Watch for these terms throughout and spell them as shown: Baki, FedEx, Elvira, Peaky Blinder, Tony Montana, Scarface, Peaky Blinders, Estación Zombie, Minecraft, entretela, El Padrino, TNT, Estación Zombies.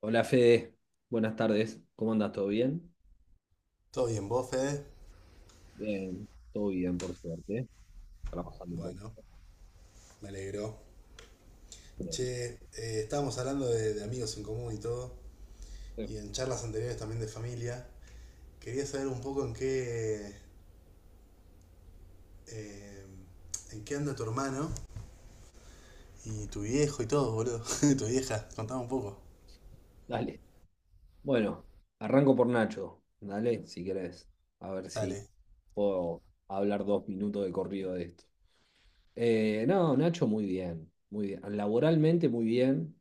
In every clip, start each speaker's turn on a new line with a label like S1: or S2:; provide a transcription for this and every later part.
S1: Hola Fede, buenas tardes. ¿Cómo andas? ¿Todo bien?
S2: ¿Todo bien, vos, Fede?
S1: Bien, todo bien, por suerte. Trabajando un
S2: Bueno,
S1: poco.
S2: me alegro.
S1: Pero,
S2: Che, estábamos hablando de amigos en común y todo,
S1: eh,
S2: y en charlas anteriores también de familia. Quería saber un poco en qué, eh, en qué anda tu hermano y tu viejo y todo, boludo. Tu vieja, contame un poco.
S1: dale. Bueno, arranco por Nacho. Dale, si querés. A ver si
S2: Dale.
S1: puedo hablar dos minutos de corrido de esto. No, Nacho, muy bien. Muy bien. Laboralmente, muy bien.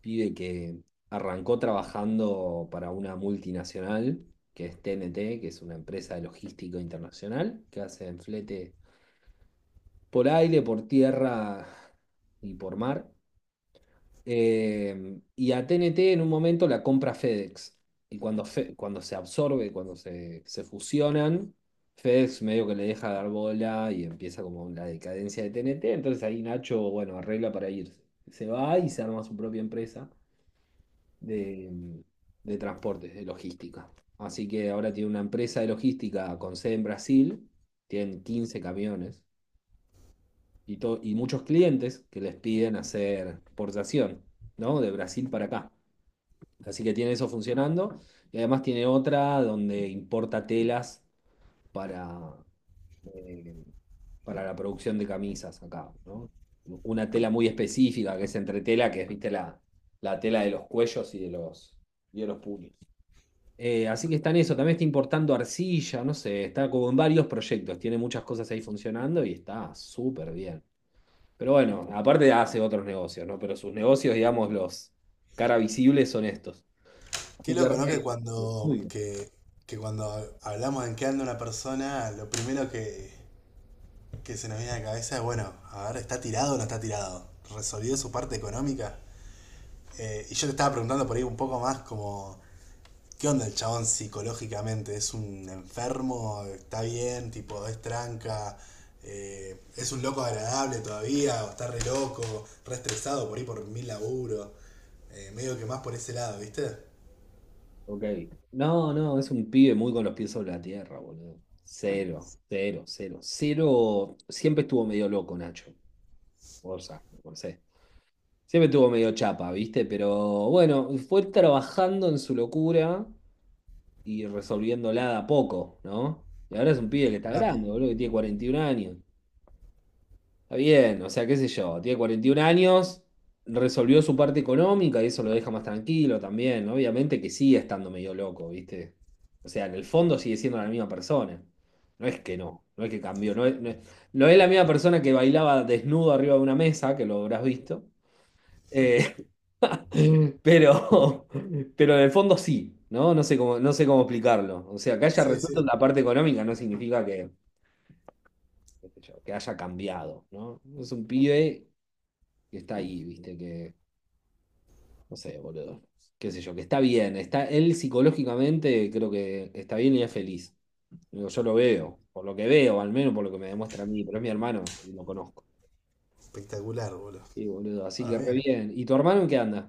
S1: Pide que arrancó trabajando para una multinacional, que es TNT, que es una empresa de logística internacional, que hace flete por aire, por tierra y por mar. Y a TNT en un momento la compra FedEx. Y cuando se absorbe, se fusionan, FedEx medio que le deja dar bola y empieza como la decadencia de TNT. Entonces ahí Nacho, bueno, arregla para irse. Se va y se arma su propia empresa de, de transportes, de logística. Así que ahora tiene una empresa de logística con sede en Brasil, tienen 15 camiones y, y muchos clientes que les piden hacer exportación, ¿no? De Brasil para acá. Así que tiene eso funcionando. Y además tiene otra donde importa telas para, eh, para la producción de camisas acá, ¿no? Una tela muy específica que es entretela, que es, viste, la tela de los cuellos y de y de los puños. Así que está en eso, también está importando arcilla, no sé, está como en varios proyectos, tiene muchas cosas ahí funcionando y está súper bien. Pero bueno, aparte hace otros negocios, ¿no? Pero sus negocios, digamos, los cara visibles son estos.
S2: Qué
S1: Así que
S2: loco,
S1: re
S2: ¿no?
S1: bien. Muy bien.
S2: Que cuando hablamos en qué anda una persona, lo primero que se nos viene a la cabeza es, bueno, a ver, ¿está tirado o no está tirado? ¿Resolvió su parte económica? Y yo te estaba preguntando por ahí un poco más como, ¿qué onda el chabón psicológicamente? ¿Es un enfermo? ¿Está bien? Tipo, es tranca. ¿Es un loco agradable todavía? ¿O está re loco? ¿Re estresado por ahí por mil laburos? Medio que más por ese lado, ¿viste?
S1: Ok. No, no, es un pibe muy con los pies sobre la tierra, boludo. Cero, cero, cero. Cero. Siempre estuvo medio loco, Nacho. O sea, no sé. Siempre estuvo medio chapa, ¿viste? Pero bueno, fue trabajando en su locura y resolviéndola de a poco, ¿no? Y ahora es un pibe que está
S2: Terapia.
S1: grande, boludo, que tiene 41 años. Está bien, o sea, qué sé yo, tiene 41 años, resolvió su parte económica y eso lo deja más tranquilo también, ¿no? Obviamente que sigue estando medio loco, ¿viste? O sea, en el fondo sigue siendo la misma persona. No es que cambió, no es la misma persona que bailaba desnudo arriba de una mesa, que lo habrás visto. Eh, pero, pero en el fondo sí, ¿no? No sé cómo explicarlo. O sea, que haya
S2: Sí,
S1: resuelto
S2: sí.
S1: la parte económica no significa que, qué sé yo, que haya cambiado, ¿no? Es un pibe que está ahí, viste, que, no sé, boludo, qué sé yo, que está bien, está, él psicológicamente creo que está bien y es feliz. Digo, yo lo veo, por lo que veo, al menos por lo que me demuestra a mí, pero es mi hermano y lo conozco.
S2: Espectacular, boludo.
S1: Sí, boludo, así que
S2: Bueno,
S1: re
S2: bien.
S1: bien. ¿Y tu hermano en qué anda?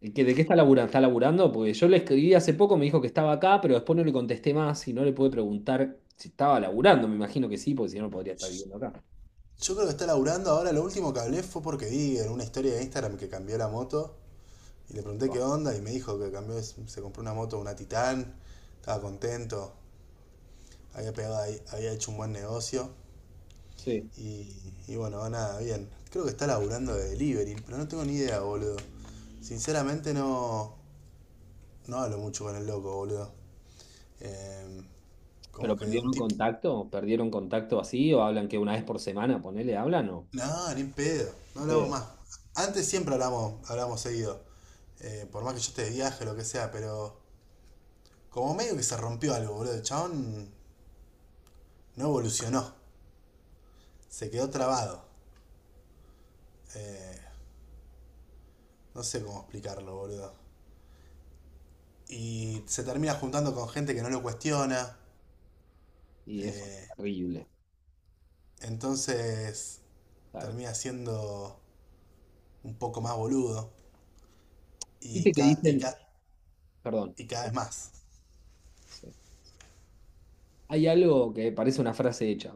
S1: ¿De qué está laburando? ¿Está laburando? Porque yo le escribí hace poco, me dijo que estaba acá, pero después no le contesté más y no le pude preguntar si estaba laburando. Me imagino que sí, porque si no, no podría estar viviendo acá.
S2: Yo creo que está laburando ahora. Lo último que hablé fue porque vi en una historia de Instagram que cambió la moto. Y le pregunté qué
S1: Capaz.
S2: onda y me dijo que cambió, se compró una moto, una Titan, estaba contento, había pegado ahí, había hecho un buen negocio.
S1: Sí.
S2: Y bueno, nada, bien. Creo que está laburando de delivery, pero no tengo ni idea, boludo. Sinceramente no, no hablo mucho con el loco, boludo. Eh,
S1: ¿Pero
S2: Como que de un
S1: perdieron
S2: tipo...
S1: contacto? ¿Perdieron contacto así? ¿O hablan que una vez por semana, ponele, hablan o?
S2: No, ni en pedo, no hablamos
S1: Pedo.
S2: más. Antes siempre hablamos, hablamos seguido. Por más que yo esté de viaje, o lo que sea, pero como medio que se rompió algo, boludo. El chabón no evolucionó. Se quedó trabado. Eh, no sé cómo explicarlo, boludo. Y se termina juntando con gente que no lo cuestiona,
S1: Y eso es
S2: eh,
S1: terrible,
S2: entonces
S1: claro.
S2: termina siendo un poco más boludo. Y,
S1: Viste que
S2: ca- y,
S1: dicen,
S2: ca-
S1: perdón,
S2: y cada vez más.
S1: sí. Hay algo que parece una frase hecha,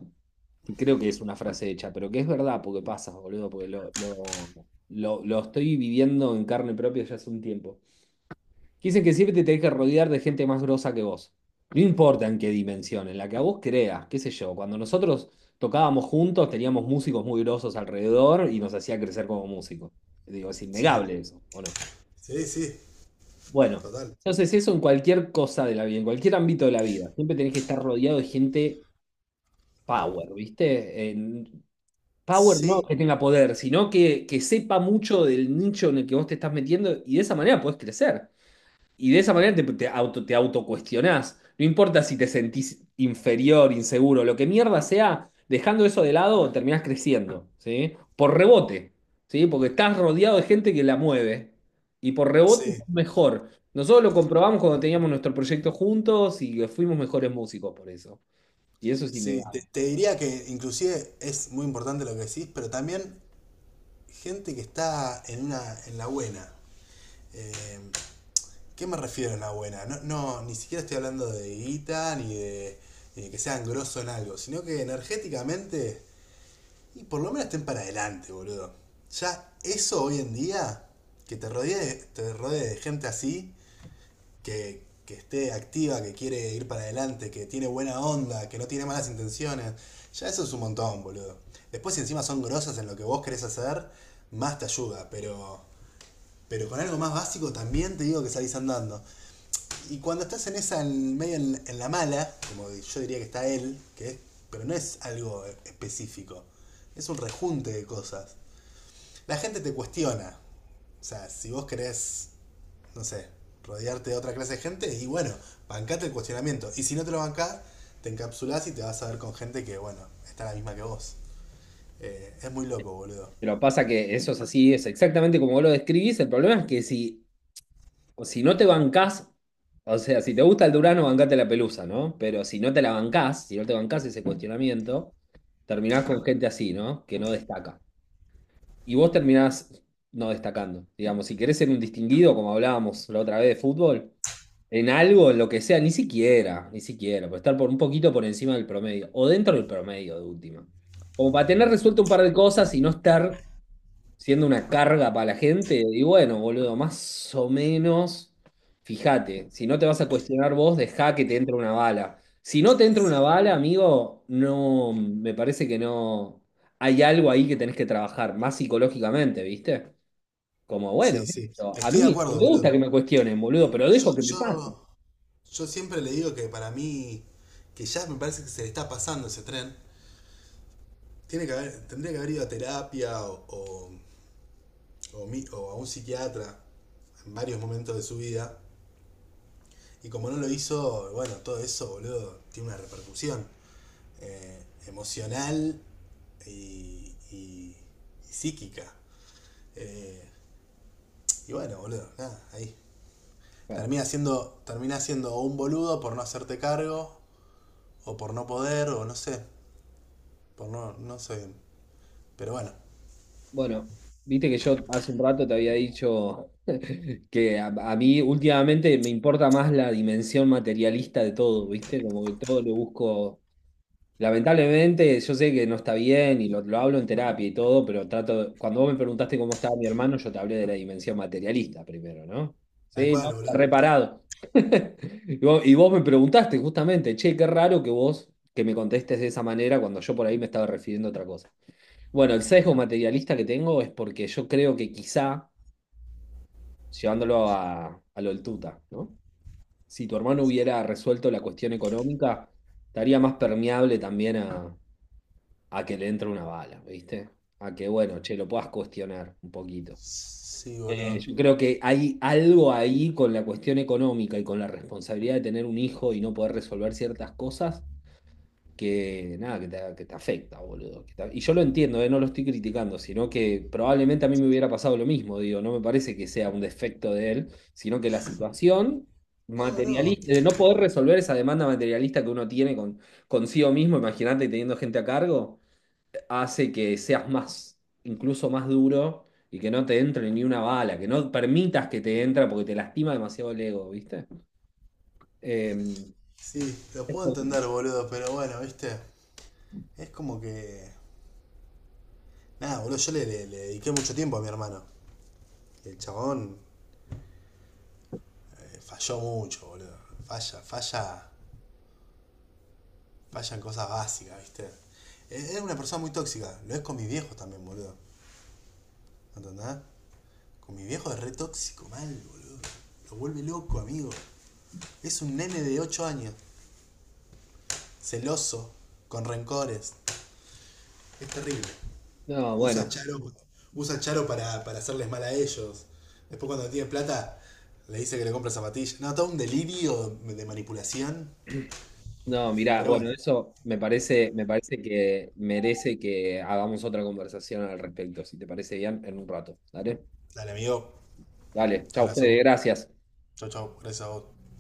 S1: que creo que es una frase hecha, pero que es verdad porque pasa, boludo, porque lo estoy viviendo en carne propia ya hace un tiempo. Que dicen que siempre te tenés que rodear de gente más grosa que vos. No importa en qué dimensión, en la que a vos creas, qué sé yo. Cuando nosotros tocábamos juntos, teníamos músicos muy grosos alrededor y nos hacía crecer como músicos. Digo, es
S2: Sí,
S1: innegable eso, ¿o no?
S2: sí, sí,
S1: Bueno,
S2: total.
S1: entonces eso en cualquier cosa de la vida, en cualquier ámbito de la vida. Siempre tenés que estar rodeado de gente power, ¿viste? Power no
S2: Sí,
S1: que tenga poder, sino que sepa mucho del nicho en el que vos te estás metiendo y de esa manera podés crecer. Y de esa manera te autocuestionás. No importa si te sentís inferior, inseguro, lo que mierda sea, dejando eso de lado, terminás creciendo, ¿sí? Por rebote, ¿sí? Porque estás rodeado de gente que la mueve. Y por rebote
S2: sí,
S1: estás mejor. Nosotros lo comprobamos cuando teníamos nuestro proyecto juntos y que fuimos mejores músicos por eso. Y eso es
S2: sí. Te,
S1: innegable.
S2: te diría que inclusive es muy importante lo que decís, pero también gente que está en una, en la buena. Eh, ¿Qué me refiero a una buena? No, no ni siquiera estoy hablando de guita ni de que sean grosso en algo, sino que energéticamente, y por lo menos estén para adelante, boludo. Ya eso hoy en día, que te rodee de gente así, que esté activa, que quiere ir para adelante, que tiene buena onda, que no tiene malas intenciones, ya eso es un montón, boludo. Después si encima son grosas en lo que vos querés hacer, más te ayuda, pero con algo más básico también te digo que salís andando. Y cuando estás en esa, en la mala, como yo diría que está él, que es, pero no es algo específico, es un rejunte de cosas. La gente te cuestiona. O sea, si vos querés, no sé, rodearte de otra clase de gente, y bueno, bancate el cuestionamiento. Y si no te lo bancás, te encapsulás y te vas a ver con gente que, bueno, está la misma que vos. Es muy loco, boludo.
S1: Pero pasa que eso es así, es exactamente como vos lo describís. El problema es que o si no te bancás, o sea, si te gusta el Durano, bancate la pelusa, ¿no? Pero si no te la bancás, si no te bancás ese cuestionamiento, terminás con gente así, ¿no? Que no destaca. Y vos terminás no destacando. Digamos, si querés ser un distinguido, como hablábamos la otra vez de fútbol, en algo, en lo que sea, ni siquiera, por estar por un poquito por encima del promedio, o dentro del promedio de última. Como para tener resuelto un par de cosas y no estar siendo una carga para la gente. Y bueno, boludo, más o menos, fíjate, si no te vas a cuestionar vos, dejá que te entre una bala. Si no te entra una
S2: Sí.
S1: bala, amigo, no, me parece que no. Hay algo ahí que tenés que trabajar, más psicológicamente, ¿viste? Como, bueno,
S2: Sí,
S1: qué sé
S2: sí.
S1: yo, a
S2: Estoy de
S1: mí
S2: acuerdo,
S1: me gusta que
S2: boludo.
S1: me cuestionen, boludo, pero
S2: Yo,
S1: dejo que me pase.
S2: yo, Yo siempre le digo que para mí, que ya me parece que se le está pasando ese tren, tendría que haber ido a terapia o a un psiquiatra en varios momentos de su vida. Y como no lo hizo, bueno, todo eso, boludo, tiene una repercusión, emocional y, y- y psíquica. Eh, y bueno, boludo, nada, ahí.
S1: Claro.
S2: Termina siendo un boludo por no hacerte cargo, o por no poder, o no sé, por no, no sé. Pero bueno,
S1: Bueno, viste que yo hace un rato te había dicho. Que a mí últimamente me importa más la dimensión materialista de todo, ¿viste? Como que todo lo busco. Lamentablemente, yo sé que no está bien y lo hablo en terapia y todo, pero trato. Cuando vos me preguntaste cómo estaba mi hermano, yo te hablé de la dimensión materialista primero, ¿no?
S2: tal
S1: Sí,
S2: cual,
S1: no, está
S2: boludo.
S1: reparado. Y vos me preguntaste justamente, che, qué raro que vos que me contestes de esa manera cuando yo por ahí me estaba refiriendo a otra cosa. Bueno, el sesgo materialista que tengo es porque yo creo que quizá llevándolo a lo del tuta, ¿no? Si tu hermano hubiera resuelto la cuestión económica, estaría más permeable también a que le entre una bala, ¿viste? A que, bueno, che, lo puedas cuestionar un poquito.
S2: Sí, boludo.
S1: Yo creo que hay algo ahí con la cuestión económica y con la responsabilidad de tener un hijo y no poder resolver ciertas cosas que nada, que te afecta, boludo. Y yo lo entiendo, no lo estoy criticando, sino que probablemente a mí me hubiera pasado lo mismo, digo, no me parece que sea un defecto de él, sino que la situación
S2: No, no.
S1: materialista, de no poder resolver esa demanda materialista que uno tiene con, consigo mismo, imagínate teniendo gente a cargo, hace que seas más, incluso más duro y que no te entre ni una bala, que no permitas que te entra porque te lastima demasiado el ego, ¿viste? Em,
S2: Sí, lo
S1: es
S2: puedo
S1: jodido.
S2: entender, boludo, pero bueno, viste. Es como que. Nada, boludo, le dediqué mucho tiempo a mi hermano. Y el chabón, falló mucho, boludo. Falla. Falla en cosas básicas, viste. Es una persona muy tóxica. Lo es con mi viejo también, boludo. ¿No entendés? Con mi viejo es re tóxico, mal, boludo. Lo vuelve loco, amigo. Es un nene de 8 años. Celoso. Con rencores. Es terrible.
S1: No,
S2: Usa
S1: bueno.
S2: Charo, usa Charo para hacerles mal a ellos. Después cuando tiene plata, le dice que le compra zapatillas. No, todo un delirio de manipulación.
S1: No, mirá,
S2: Pero
S1: bueno,
S2: bueno,
S1: eso me parece que merece que hagamos otra conversación al respecto, si te parece bien, en un rato. Dale,
S2: dale amigo,
S1: dale, chau, Fede,
S2: abrazo.
S1: gracias.
S2: Chau, chau, gracias a vos.